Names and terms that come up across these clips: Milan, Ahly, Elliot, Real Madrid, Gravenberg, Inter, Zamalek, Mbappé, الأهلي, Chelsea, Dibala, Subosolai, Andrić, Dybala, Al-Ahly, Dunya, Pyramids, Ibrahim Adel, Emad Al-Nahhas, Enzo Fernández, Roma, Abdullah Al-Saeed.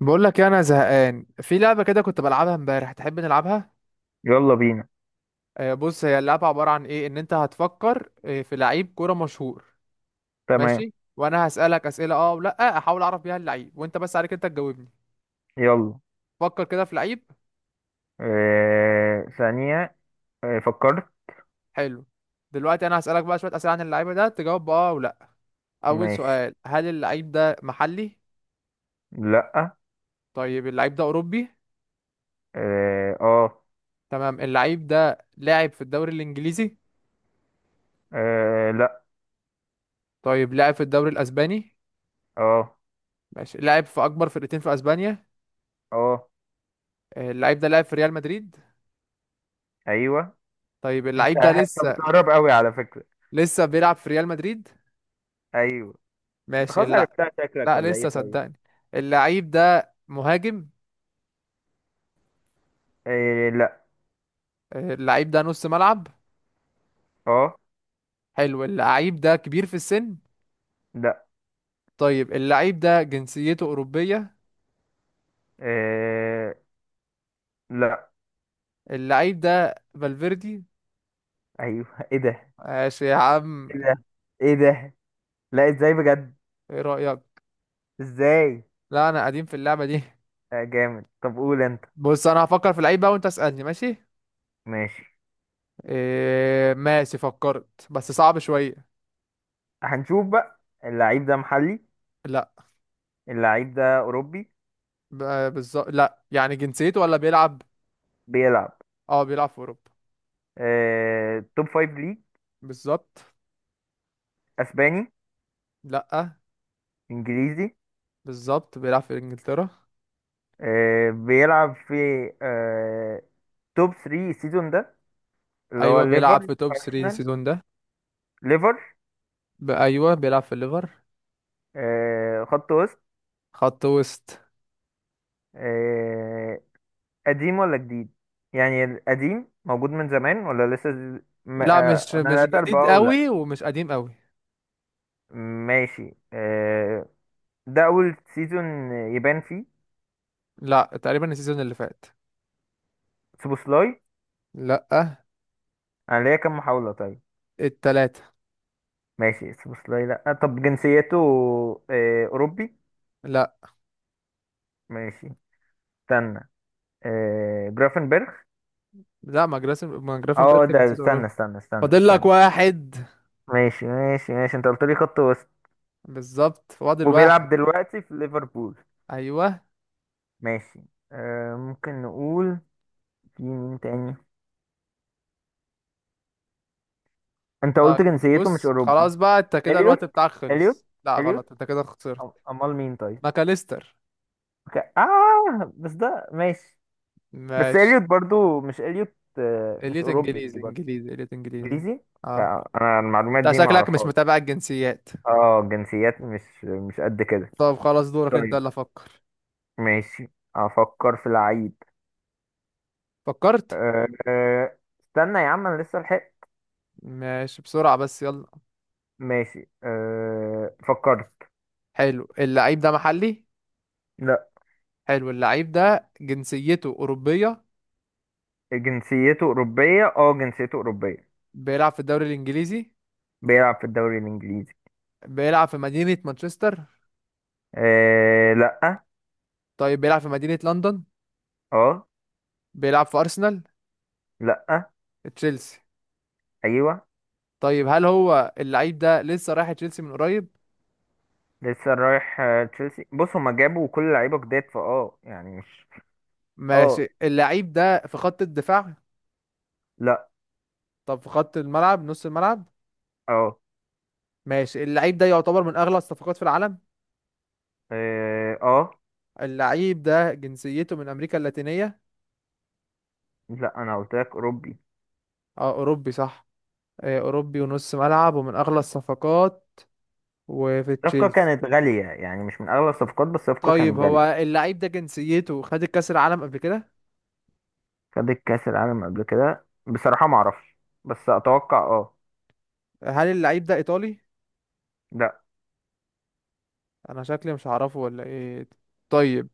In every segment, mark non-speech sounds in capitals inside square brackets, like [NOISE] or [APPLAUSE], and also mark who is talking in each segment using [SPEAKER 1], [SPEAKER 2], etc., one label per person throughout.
[SPEAKER 1] بقول لك إيه، انا زهقان في لعبه كده، كنت بلعبها امبارح. تحب نلعبها؟
[SPEAKER 2] يلا بينا.
[SPEAKER 1] بص، هي اللعبه عباره عن ايه، ان انت هتفكر في لعيب كوره مشهور.
[SPEAKER 2] تمام.
[SPEAKER 1] ماشي، وانا هسالك اسئله ولا احاول اعرف بيها اللعيب، وانت بس عليك انت تجاوبني.
[SPEAKER 2] يلا.
[SPEAKER 1] فكر كده في لعيب.
[SPEAKER 2] آه، ثانية. فكرت.
[SPEAKER 1] حلو. دلوقتي انا هسالك بقى شويه اسئله عن اللعيبه ده، تجاوب باه ولا. اول
[SPEAKER 2] ماشي.
[SPEAKER 1] سؤال، هل اللعيب ده محلي؟
[SPEAKER 2] لأ.
[SPEAKER 1] طيب، اللعيب ده اوروبي؟
[SPEAKER 2] آه، آه.
[SPEAKER 1] تمام. اللعيب ده لاعب في الدوري الانجليزي؟
[SPEAKER 2] لأ.
[SPEAKER 1] طيب، لاعب في الدوري الاسباني؟
[SPEAKER 2] آه.
[SPEAKER 1] ماشي. لاعب في اكبر فرقتين في اسبانيا؟
[SPEAKER 2] آه
[SPEAKER 1] اللعيب ده لعب في ريال مدريد؟
[SPEAKER 2] أيوه.
[SPEAKER 1] طيب،
[SPEAKER 2] أنت
[SPEAKER 1] اللعيب ده
[SPEAKER 2] أنت
[SPEAKER 1] لسه؟
[SPEAKER 2] بتقرب أوي على فكرة.
[SPEAKER 1] لسه بيلعب في ريال مدريد؟
[SPEAKER 2] أيوه. أنت
[SPEAKER 1] ماشي.
[SPEAKER 2] خلاص
[SPEAKER 1] لا.
[SPEAKER 2] عرفتها، شكلك
[SPEAKER 1] لا،
[SPEAKER 2] ولا إيه؟
[SPEAKER 1] لسه
[SPEAKER 2] طيب.
[SPEAKER 1] صدقني. اللعيب ده مهاجم؟
[SPEAKER 2] لأ.
[SPEAKER 1] اللعيب ده نص ملعب؟
[SPEAKER 2] آه
[SPEAKER 1] حلو. اللعيب ده كبير في السن؟
[SPEAKER 2] لأ
[SPEAKER 1] طيب، اللعيب ده جنسيته أوروبية؟
[SPEAKER 2] آه لأ.
[SPEAKER 1] اللعيب ده فالفيردي.
[SPEAKER 2] أيوه. إيه ده؟
[SPEAKER 1] ماشي يا عم.
[SPEAKER 2] إيه ده؟ إيه ده؟ لأ، إزاي بجد؟
[SPEAKER 1] ايه رأيك؟
[SPEAKER 2] إزاي؟
[SPEAKER 1] لا، انا قديم في اللعبة دي.
[SPEAKER 2] آه، جامد. طب قول أنت.
[SPEAKER 1] بص، انا هفكر في اللعيب بقى وانت اسألني، ماشي؟
[SPEAKER 2] ماشي.
[SPEAKER 1] إيه ماشي، فكرت بس صعب شوية.
[SPEAKER 2] هنشوف بقى. اللعيب ده محلي؟
[SPEAKER 1] لا.
[SPEAKER 2] اللعيب ده أوروبي؟
[SPEAKER 1] بالظبط، لا يعني جنسيته ولا بيلعب.
[SPEAKER 2] بيلعب.
[SPEAKER 1] اه، بيلعب في اوروبا.
[SPEAKER 2] توب فايف ليج.
[SPEAKER 1] بالظبط.
[SPEAKER 2] أسباني؟
[SPEAKER 1] لا.
[SPEAKER 2] إنجليزي؟
[SPEAKER 1] بالظبط، بيلعب في انجلترا.
[SPEAKER 2] بيلعب في آه، توب 3 السيزون ده، اللي هو
[SPEAKER 1] ايوه، بيلعب
[SPEAKER 2] ليفر
[SPEAKER 1] في توب 3
[SPEAKER 2] أرسنال.
[SPEAKER 1] السيزون ده.
[SPEAKER 2] ليفر.
[SPEAKER 1] ايوه، بيلعب في الليفر.
[SPEAKER 2] خط وسط.
[SPEAKER 1] خط وسط.
[SPEAKER 2] آه، قديم ولا جديد؟ يعني القديم موجود من زمان ولا لسه م...
[SPEAKER 1] لا،
[SPEAKER 2] آه،
[SPEAKER 1] مش
[SPEAKER 2] أنا
[SPEAKER 1] مش
[SPEAKER 2] لا أسأل
[SPEAKER 1] جديد
[SPEAKER 2] أو لأ.
[SPEAKER 1] قوي ومش قديم قوي.
[SPEAKER 2] ماشي. ده أول سيزون يبان فيه.
[SPEAKER 1] لا، تقريبا السيزون اللي فات.
[SPEAKER 2] سوبوسلاي؟
[SPEAKER 1] لا.
[SPEAKER 2] أنا ليا كام محاولة؟ طيب.
[SPEAKER 1] التلاتة.
[SPEAKER 2] ماشي، سوبوسلاي لا. طب جنسيته، أوروبي؟
[SPEAKER 1] لا.
[SPEAKER 2] ماشي. استنى. جرافنبرغ.
[SPEAKER 1] لا، ما جراسن ما جرافنبرخ،
[SPEAKER 2] اه ده
[SPEAKER 1] نسيت
[SPEAKER 2] استنى
[SPEAKER 1] اوروبا.
[SPEAKER 2] استنى استنى
[SPEAKER 1] فاضل لك
[SPEAKER 2] استنى.
[SPEAKER 1] واحد.
[SPEAKER 2] ماشي ماشي ماشي، انت قلت لي خط وسط.
[SPEAKER 1] بالظبط، فاضل واحد.
[SPEAKER 2] وبيلعب دلوقتي في ليفربول؟
[SPEAKER 1] ايوه.
[SPEAKER 2] ماشي. ممكن نقول. في مين تاني؟ انت قلت
[SPEAKER 1] طيب
[SPEAKER 2] جنسيته مش
[SPEAKER 1] بص،
[SPEAKER 2] أوروبي.
[SPEAKER 1] خلاص بقى، انت كده
[SPEAKER 2] اليوت.
[SPEAKER 1] الوقت بتاعك
[SPEAKER 2] اليوت.
[SPEAKER 1] خلص. لا
[SPEAKER 2] اليوت.
[SPEAKER 1] غلط، انت كده خسرت.
[SPEAKER 2] امال مين طيب؟
[SPEAKER 1] ماكاليستر.
[SPEAKER 2] اوكي. اه بس ده ماشي. بس
[SPEAKER 1] ماشي.
[SPEAKER 2] اليوت برضو، مش اليوت. مش
[SPEAKER 1] إليت
[SPEAKER 2] أوروبي
[SPEAKER 1] إنجليزي،
[SPEAKER 2] برضو.
[SPEAKER 1] إنجليزي إليت إنجليزي.
[SPEAKER 2] انجليزي؟
[SPEAKER 1] أه.
[SPEAKER 2] لا، انا المعلومات
[SPEAKER 1] أنت
[SPEAKER 2] دي ما
[SPEAKER 1] شكلك مش
[SPEAKER 2] اعرفهاش.
[SPEAKER 1] متابع الجنسيات.
[SPEAKER 2] اه الجنسيات مش قد كده.
[SPEAKER 1] طب خلاص، دورك أنت،
[SPEAKER 2] طيب.
[SPEAKER 1] يلا فكر.
[SPEAKER 2] ماشي. افكر في لعيب.
[SPEAKER 1] فكرت؟
[SPEAKER 2] أه آه، استنى يا عم، انا لسه لحق.
[SPEAKER 1] ماشي، بسرعة بس، يلا.
[SPEAKER 2] ماشي. فكرت.
[SPEAKER 1] حلو. اللعيب ده محلي؟
[SPEAKER 2] لا.
[SPEAKER 1] حلو. اللعيب ده جنسيته أوروبية؟
[SPEAKER 2] جنسيته اوروبيه، جنسيته اوروبيه.
[SPEAKER 1] بيلعب في الدوري الإنجليزي؟
[SPEAKER 2] بيلعب في الدوري الانجليزي.
[SPEAKER 1] بيلعب في مدينة مانشستر؟
[SPEAKER 2] لا.
[SPEAKER 1] طيب، بيلعب في مدينة لندن؟
[SPEAKER 2] اه.
[SPEAKER 1] بيلعب في أرسنال؟
[SPEAKER 2] لا.
[SPEAKER 1] تشيلسي؟
[SPEAKER 2] ايوه.
[SPEAKER 1] طيب، هل هو اللعيب ده لسه رايح تشيلسي من قريب؟
[SPEAKER 2] لسه رايح تشيلسي. بص، هما جابوا كل لعيبه جداد، فاه يعني مش. اه.
[SPEAKER 1] ماشي. اللعيب ده في خط الدفاع؟
[SPEAKER 2] لا.
[SPEAKER 1] طب في خط الملعب، نص الملعب؟
[SPEAKER 2] اه.
[SPEAKER 1] ماشي. اللعيب ده يعتبر من اغلى الصفقات في العالم؟
[SPEAKER 2] اه. آه.
[SPEAKER 1] اللعيب ده جنسيته من امريكا اللاتينية؟
[SPEAKER 2] لا، انا قلت لك اوروبي.
[SPEAKER 1] اه، اوروبي صح. اوروبي ونص ملعب ومن اغلى الصفقات. وفي
[SPEAKER 2] الصفقه
[SPEAKER 1] تشيلسي.
[SPEAKER 2] كانت غاليه، يعني مش من اغلى الصفقات، بس الصفقه
[SPEAKER 1] طيب،
[SPEAKER 2] كانت غاليه.
[SPEAKER 1] هو اللعيب ده جنسيته خد الكاس العالم قبل كده؟
[SPEAKER 2] خدت كاس العالم قبل كده؟ بصراحه ما اعرفش، بس اتوقع اه.
[SPEAKER 1] هل اللعيب ده ايطالي؟
[SPEAKER 2] لا.
[SPEAKER 1] انا شكلي مش هعرفه ولا ايه؟ طيب.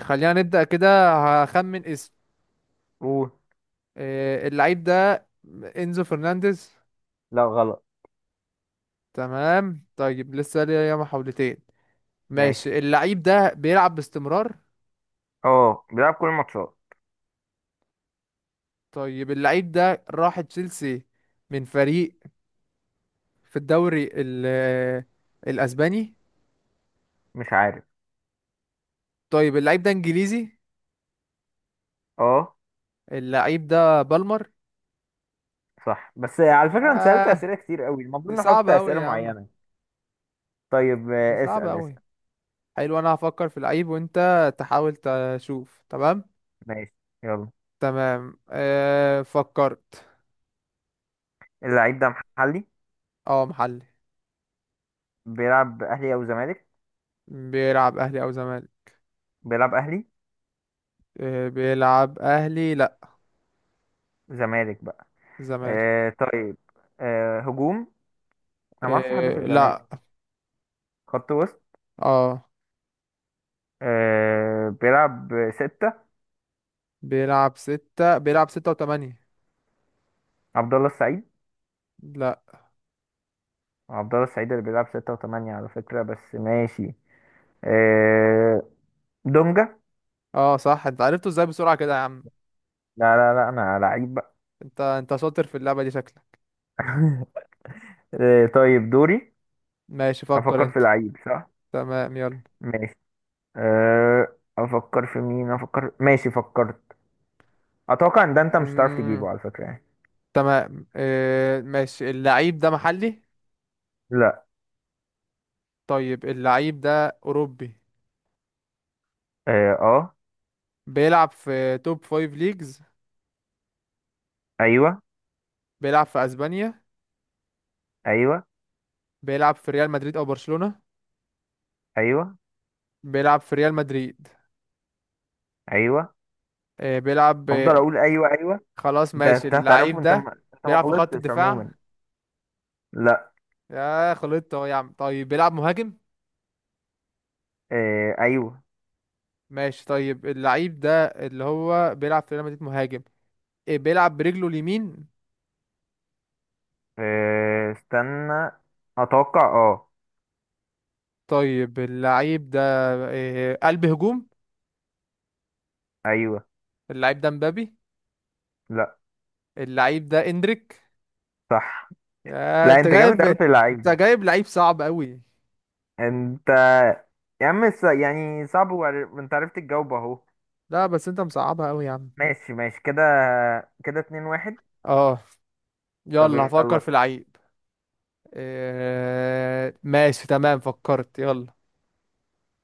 [SPEAKER 1] خلينا نبدأ كده. هخمن اسم.
[SPEAKER 2] قول.
[SPEAKER 1] اللعيب ده انزو فرنانديز.
[SPEAKER 2] لا غلط.
[SPEAKER 1] تمام. طيب، لسه ليا محاولتين.
[SPEAKER 2] ماشي.
[SPEAKER 1] ماشي. اللعيب ده بيلعب باستمرار؟
[SPEAKER 2] اه، بيلعب كل الماتشات.
[SPEAKER 1] طيب، اللعيب ده راح تشيلسي من فريق في الدوري الأسباني؟
[SPEAKER 2] مش عارف.
[SPEAKER 1] طيب، اللعيب ده إنجليزي؟
[SPEAKER 2] اه
[SPEAKER 1] اللعيب ده بالمر؟
[SPEAKER 2] صح، بس على فكره انت سالت
[SPEAKER 1] آه.
[SPEAKER 2] اسئله كتير قوي،
[SPEAKER 1] دي
[SPEAKER 2] المفروض نحط
[SPEAKER 1] صعبة أوي
[SPEAKER 2] اسئله
[SPEAKER 1] يا عم.
[SPEAKER 2] معينه. طيب.
[SPEAKER 1] دي صعبة
[SPEAKER 2] اسال
[SPEAKER 1] أوي.
[SPEAKER 2] اسال.
[SPEAKER 1] حلو، أنا هفكر في لعيب وأنت تحاول تشوف، تمام؟
[SPEAKER 2] ماشي. يلا.
[SPEAKER 1] تمام. فكرت.
[SPEAKER 2] اللعيب ده محلي؟
[SPEAKER 1] اه، محلي.
[SPEAKER 2] بيلعب اهلي او زمالك؟
[SPEAKER 1] بيلعب أهلي أو زمالك.
[SPEAKER 2] بيلعب اهلي؟
[SPEAKER 1] بيلعب أهلي، لأ.
[SPEAKER 2] زمالك بقى؟
[SPEAKER 1] زمالك.
[SPEAKER 2] آه، طيب. هجوم؟ انا ما اعرفش حد في
[SPEAKER 1] آه،
[SPEAKER 2] الزمالك.
[SPEAKER 1] لأ.
[SPEAKER 2] خط وسط؟
[SPEAKER 1] اه.
[SPEAKER 2] بيلعب ستة؟
[SPEAKER 1] بيلعب ستة، بيلعب ستة وتمانية.
[SPEAKER 2] عبد الله السعيد.
[SPEAKER 1] لا.
[SPEAKER 2] عبد الله السعيد اللي بيلعب ستة وثمانية على فكرة، بس ماشي. آه دونجا.
[SPEAKER 1] اه صح، انت عرفته ازاي بسرعة كده يا عم؟
[SPEAKER 2] لا لا لا، أنا لعيب بقى.
[SPEAKER 1] انت شاطر في اللعبة دي شكلك.
[SPEAKER 2] [LAUGHS] آه، طيب دوري.
[SPEAKER 1] ماشي، فكر
[SPEAKER 2] أفكر في
[SPEAKER 1] انت.
[SPEAKER 2] لعيب، صح؟
[SPEAKER 1] تمام، يلا.
[SPEAKER 2] ماشي. آه أفكر في مين. أفكر. ماشي، فكرت. أتوقع إن ده أنت مش هتعرف
[SPEAKER 1] مم.
[SPEAKER 2] تجيبه على فكرة يعني.
[SPEAKER 1] تمام، ماشي. اللعيب ده محلي؟
[SPEAKER 2] لا.
[SPEAKER 1] طيب، اللعيب ده اوروبي؟
[SPEAKER 2] آه, آه.
[SPEAKER 1] بيلعب في توب فايف ليجز؟
[SPEAKER 2] أيوه.
[SPEAKER 1] بيلعب في اسبانيا؟
[SPEAKER 2] أيوه.
[SPEAKER 1] بيلعب في ريال مدريد او برشلونة؟
[SPEAKER 2] أيوه.
[SPEAKER 1] بيلعب في ريال مدريد؟
[SPEAKER 2] أيوه.
[SPEAKER 1] اه، بيلعب
[SPEAKER 2] أفضل
[SPEAKER 1] اه
[SPEAKER 2] أقول أيوه أيوه.
[SPEAKER 1] خلاص
[SPEAKER 2] أنت
[SPEAKER 1] ماشي.
[SPEAKER 2] أنت هتعرفه،
[SPEAKER 1] اللعيب
[SPEAKER 2] أنت
[SPEAKER 1] ده
[SPEAKER 2] ما أنت ما
[SPEAKER 1] بيلعب في خط
[SPEAKER 2] غلطتش عموما.
[SPEAKER 1] الدفاع؟
[SPEAKER 2] لا.
[SPEAKER 1] يا خلطت اهو يا عم. طيب، بيلعب مهاجم؟
[SPEAKER 2] آه، ايوه.
[SPEAKER 1] ماشي. طيب، اللعيب ده اللي هو بيلعب في ريال مدريد مهاجم. إيه، بيلعب برجله اليمين؟
[SPEAKER 2] استنى. اتوقع. اه.
[SPEAKER 1] طيب، اللعيب ده إيه، قلب هجوم؟
[SPEAKER 2] ايوه.
[SPEAKER 1] اللعيب ده مبابي؟
[SPEAKER 2] لا.
[SPEAKER 1] اللعيب ده اندريك؟
[SPEAKER 2] صح.
[SPEAKER 1] آه،
[SPEAKER 2] لا،
[SPEAKER 1] انت
[SPEAKER 2] انت جامد
[SPEAKER 1] جايب.
[SPEAKER 2] قوي في اللعيب
[SPEAKER 1] انت
[SPEAKER 2] ده.
[SPEAKER 1] جايب لعيب صعب قوي.
[SPEAKER 2] انت يا عم يعني صعب انت عرفت تجاوب اهو.
[SPEAKER 1] لا بس انت مصعبها قوي يا عم.
[SPEAKER 2] ماشي ماشي كده. كده 2-1.
[SPEAKER 1] اه.
[SPEAKER 2] طب
[SPEAKER 1] يلا،
[SPEAKER 2] يلا
[SPEAKER 1] هفكر في
[SPEAKER 2] اسأل.
[SPEAKER 1] لعيب. إيه ماشي تمام، فكرت، يلا.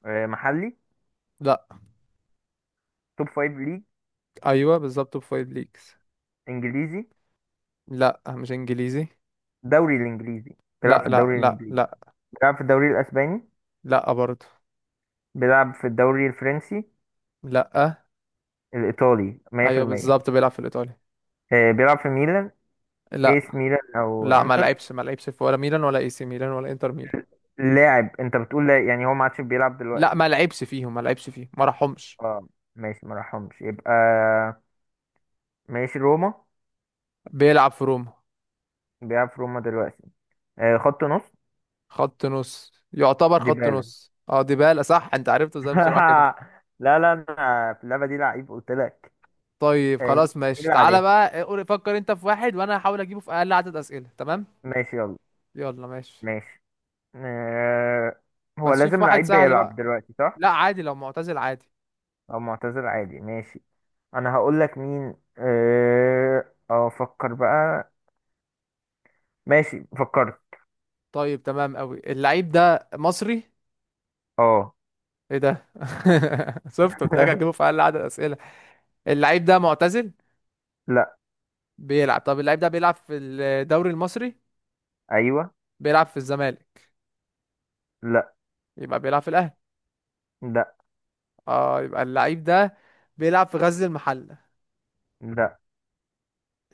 [SPEAKER 2] محلي؟
[SPEAKER 1] لا.
[SPEAKER 2] توب فايف ليج؟
[SPEAKER 1] ايوه بالظبط، فايف ليجز.
[SPEAKER 2] انجليزي؟
[SPEAKER 1] لا، مش انجليزي.
[SPEAKER 2] دوري الانجليزي بيلعب
[SPEAKER 1] لا،
[SPEAKER 2] في
[SPEAKER 1] لا،
[SPEAKER 2] الدوري
[SPEAKER 1] لا،
[SPEAKER 2] الانجليزي؟
[SPEAKER 1] لا.
[SPEAKER 2] بيلعب في الدوري الاسباني؟
[SPEAKER 1] لا برضه.
[SPEAKER 2] بيلعب في الدوري الفرنسي؟
[SPEAKER 1] لا.
[SPEAKER 2] الايطالي
[SPEAKER 1] ايوه
[SPEAKER 2] 100%؟
[SPEAKER 1] بالظبط، بيلعب في الايطالي.
[SPEAKER 2] بيلعب في ميلان.
[SPEAKER 1] لا.
[SPEAKER 2] ايس ميلان او
[SPEAKER 1] لا، ما
[SPEAKER 2] انتر؟
[SPEAKER 1] لعبش، ما لعبش في، ولا ميلان ولا اي سي ميلان ولا انتر ميلان.
[SPEAKER 2] لاعب، انت بتقول لا يعني هو ما عادش بيلعب
[SPEAKER 1] لا،
[SPEAKER 2] دلوقتي؟
[SPEAKER 1] ما لعبش فيهم، ما لعبش فيهم، ما راحهمش.
[SPEAKER 2] اه. ماشي، ما راحهمش يبقى. ماشي روما؟
[SPEAKER 1] بيلعب في روما؟
[SPEAKER 2] بيلعب في روما دلوقتي؟ خط نص.
[SPEAKER 1] خط نص، يعتبر خط
[SPEAKER 2] ديبالا؟
[SPEAKER 1] نص. اه، ديبالا؟ صح، انت عرفته ازاي بسرعه كده؟
[SPEAKER 2] [LAUGHS] لا لا، انا في اللعبه دي لعيب قلت لك.
[SPEAKER 1] طيب
[SPEAKER 2] مين مين
[SPEAKER 1] خلاص ماشي،
[SPEAKER 2] اللي
[SPEAKER 1] تعالى
[SPEAKER 2] عليه.
[SPEAKER 1] بقى قول، فكر انت في واحد وانا هحاول اجيبه في اقل عدد اسئله، تمام؟
[SPEAKER 2] ماشي يلا
[SPEAKER 1] يلا ماشي.
[SPEAKER 2] ماشي. آه هو
[SPEAKER 1] بس شوف
[SPEAKER 2] لازم
[SPEAKER 1] واحد
[SPEAKER 2] لعيب
[SPEAKER 1] سهل
[SPEAKER 2] بيلعب
[SPEAKER 1] بقى.
[SPEAKER 2] دلوقتي صح؟
[SPEAKER 1] لا عادي، لو معتزل عادي.
[SPEAKER 2] او معتزل عادي ماشي. انا هقول لك مين. افكر بقى. ماشي، فكرت.
[SPEAKER 1] طيب، تمام قوي. اللعيب ده مصري؟
[SPEAKER 2] اه.
[SPEAKER 1] ايه ده؟ [LAUGHS] شفت؟ قلت لك هجيبه
[SPEAKER 2] [LAUGHS]
[SPEAKER 1] في اقل عدد اسئله. اللعيب ده معتزل؟
[SPEAKER 2] لا.
[SPEAKER 1] بيلعب. طب اللعيب ده بيلعب في الدوري المصري؟
[SPEAKER 2] ايوه.
[SPEAKER 1] بيلعب في الزمالك؟
[SPEAKER 2] لا.
[SPEAKER 1] يبقى بيلعب في الاهلي؟
[SPEAKER 2] لا.
[SPEAKER 1] اه، يبقى اللعيب ده بيلعب في غزل المحلة؟
[SPEAKER 2] لا.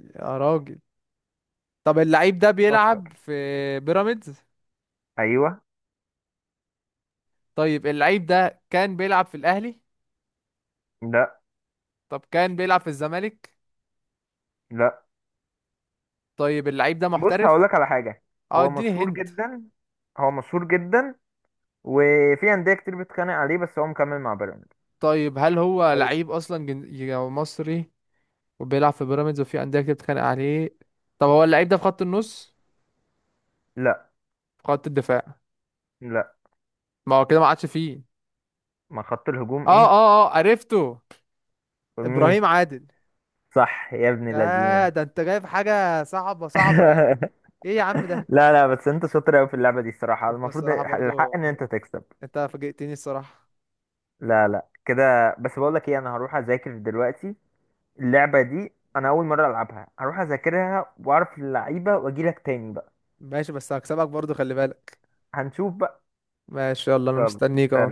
[SPEAKER 1] يا راجل! طب اللعيب ده
[SPEAKER 2] فكر.
[SPEAKER 1] بيلعب في بيراميدز؟
[SPEAKER 2] ايوه.
[SPEAKER 1] طيب، اللعيب ده كان بيلعب في الاهلي؟
[SPEAKER 2] لا.
[SPEAKER 1] طب كان بيلعب في الزمالك؟
[SPEAKER 2] لا.
[SPEAKER 1] طيب، اللعيب ده
[SPEAKER 2] بص
[SPEAKER 1] محترف؟
[SPEAKER 2] هقولك على حاجه.
[SPEAKER 1] اه،
[SPEAKER 2] هو
[SPEAKER 1] اديني
[SPEAKER 2] مشهور
[SPEAKER 1] هنت.
[SPEAKER 2] جدا. هو مشهور جدا، وفي انديه كتير بتتخانق عليه، بس هو مكمل مع بيراميدز.
[SPEAKER 1] طيب، هل هو
[SPEAKER 2] أو.
[SPEAKER 1] لعيب اصلا مصري؟ وبيلعب في بيراميدز وفي انديه كتير بتتخانق عليه. طب هو اللعيب ده في خط النص؟
[SPEAKER 2] لا.
[SPEAKER 1] في خط الدفاع؟
[SPEAKER 2] لا.
[SPEAKER 1] ما هو كده ما عادش فيه.
[SPEAKER 2] ما خط الهجوم
[SPEAKER 1] اه،
[SPEAKER 2] ايه.
[SPEAKER 1] اه، اه، عرفته!
[SPEAKER 2] مين؟
[SPEAKER 1] ابراهيم عادل؟
[SPEAKER 2] صح يا ابن
[SPEAKER 1] آه،
[SPEAKER 2] لذينه.
[SPEAKER 1] ده انت جايب حاجة صعبة صعبة يعني.
[SPEAKER 2] [LAUGHS]
[SPEAKER 1] ايه يا عم ده.
[SPEAKER 2] لا لا، بس انت شاطر قوي في اللعبه دي الصراحه،
[SPEAKER 1] انت
[SPEAKER 2] المفروض
[SPEAKER 1] الصراحة
[SPEAKER 2] الحق
[SPEAKER 1] برضو.
[SPEAKER 2] ان انت تكسب.
[SPEAKER 1] انت فاجئتني الصراحة.
[SPEAKER 2] لا لا كده، بس بقول لك ايه، انا هروح اذاكر دلوقتي. اللعبه دي انا اول مره العبها، هروح اذاكرها واعرف اللعيبه واجي لك تاني بقى.
[SPEAKER 1] ماشي، بس هكسبك برضو، خلي بالك.
[SPEAKER 2] هنشوف.
[SPEAKER 1] ماشي، يلا انا
[SPEAKER 2] يلا.
[SPEAKER 1] مستنيك اهو.
[SPEAKER 2] سلام.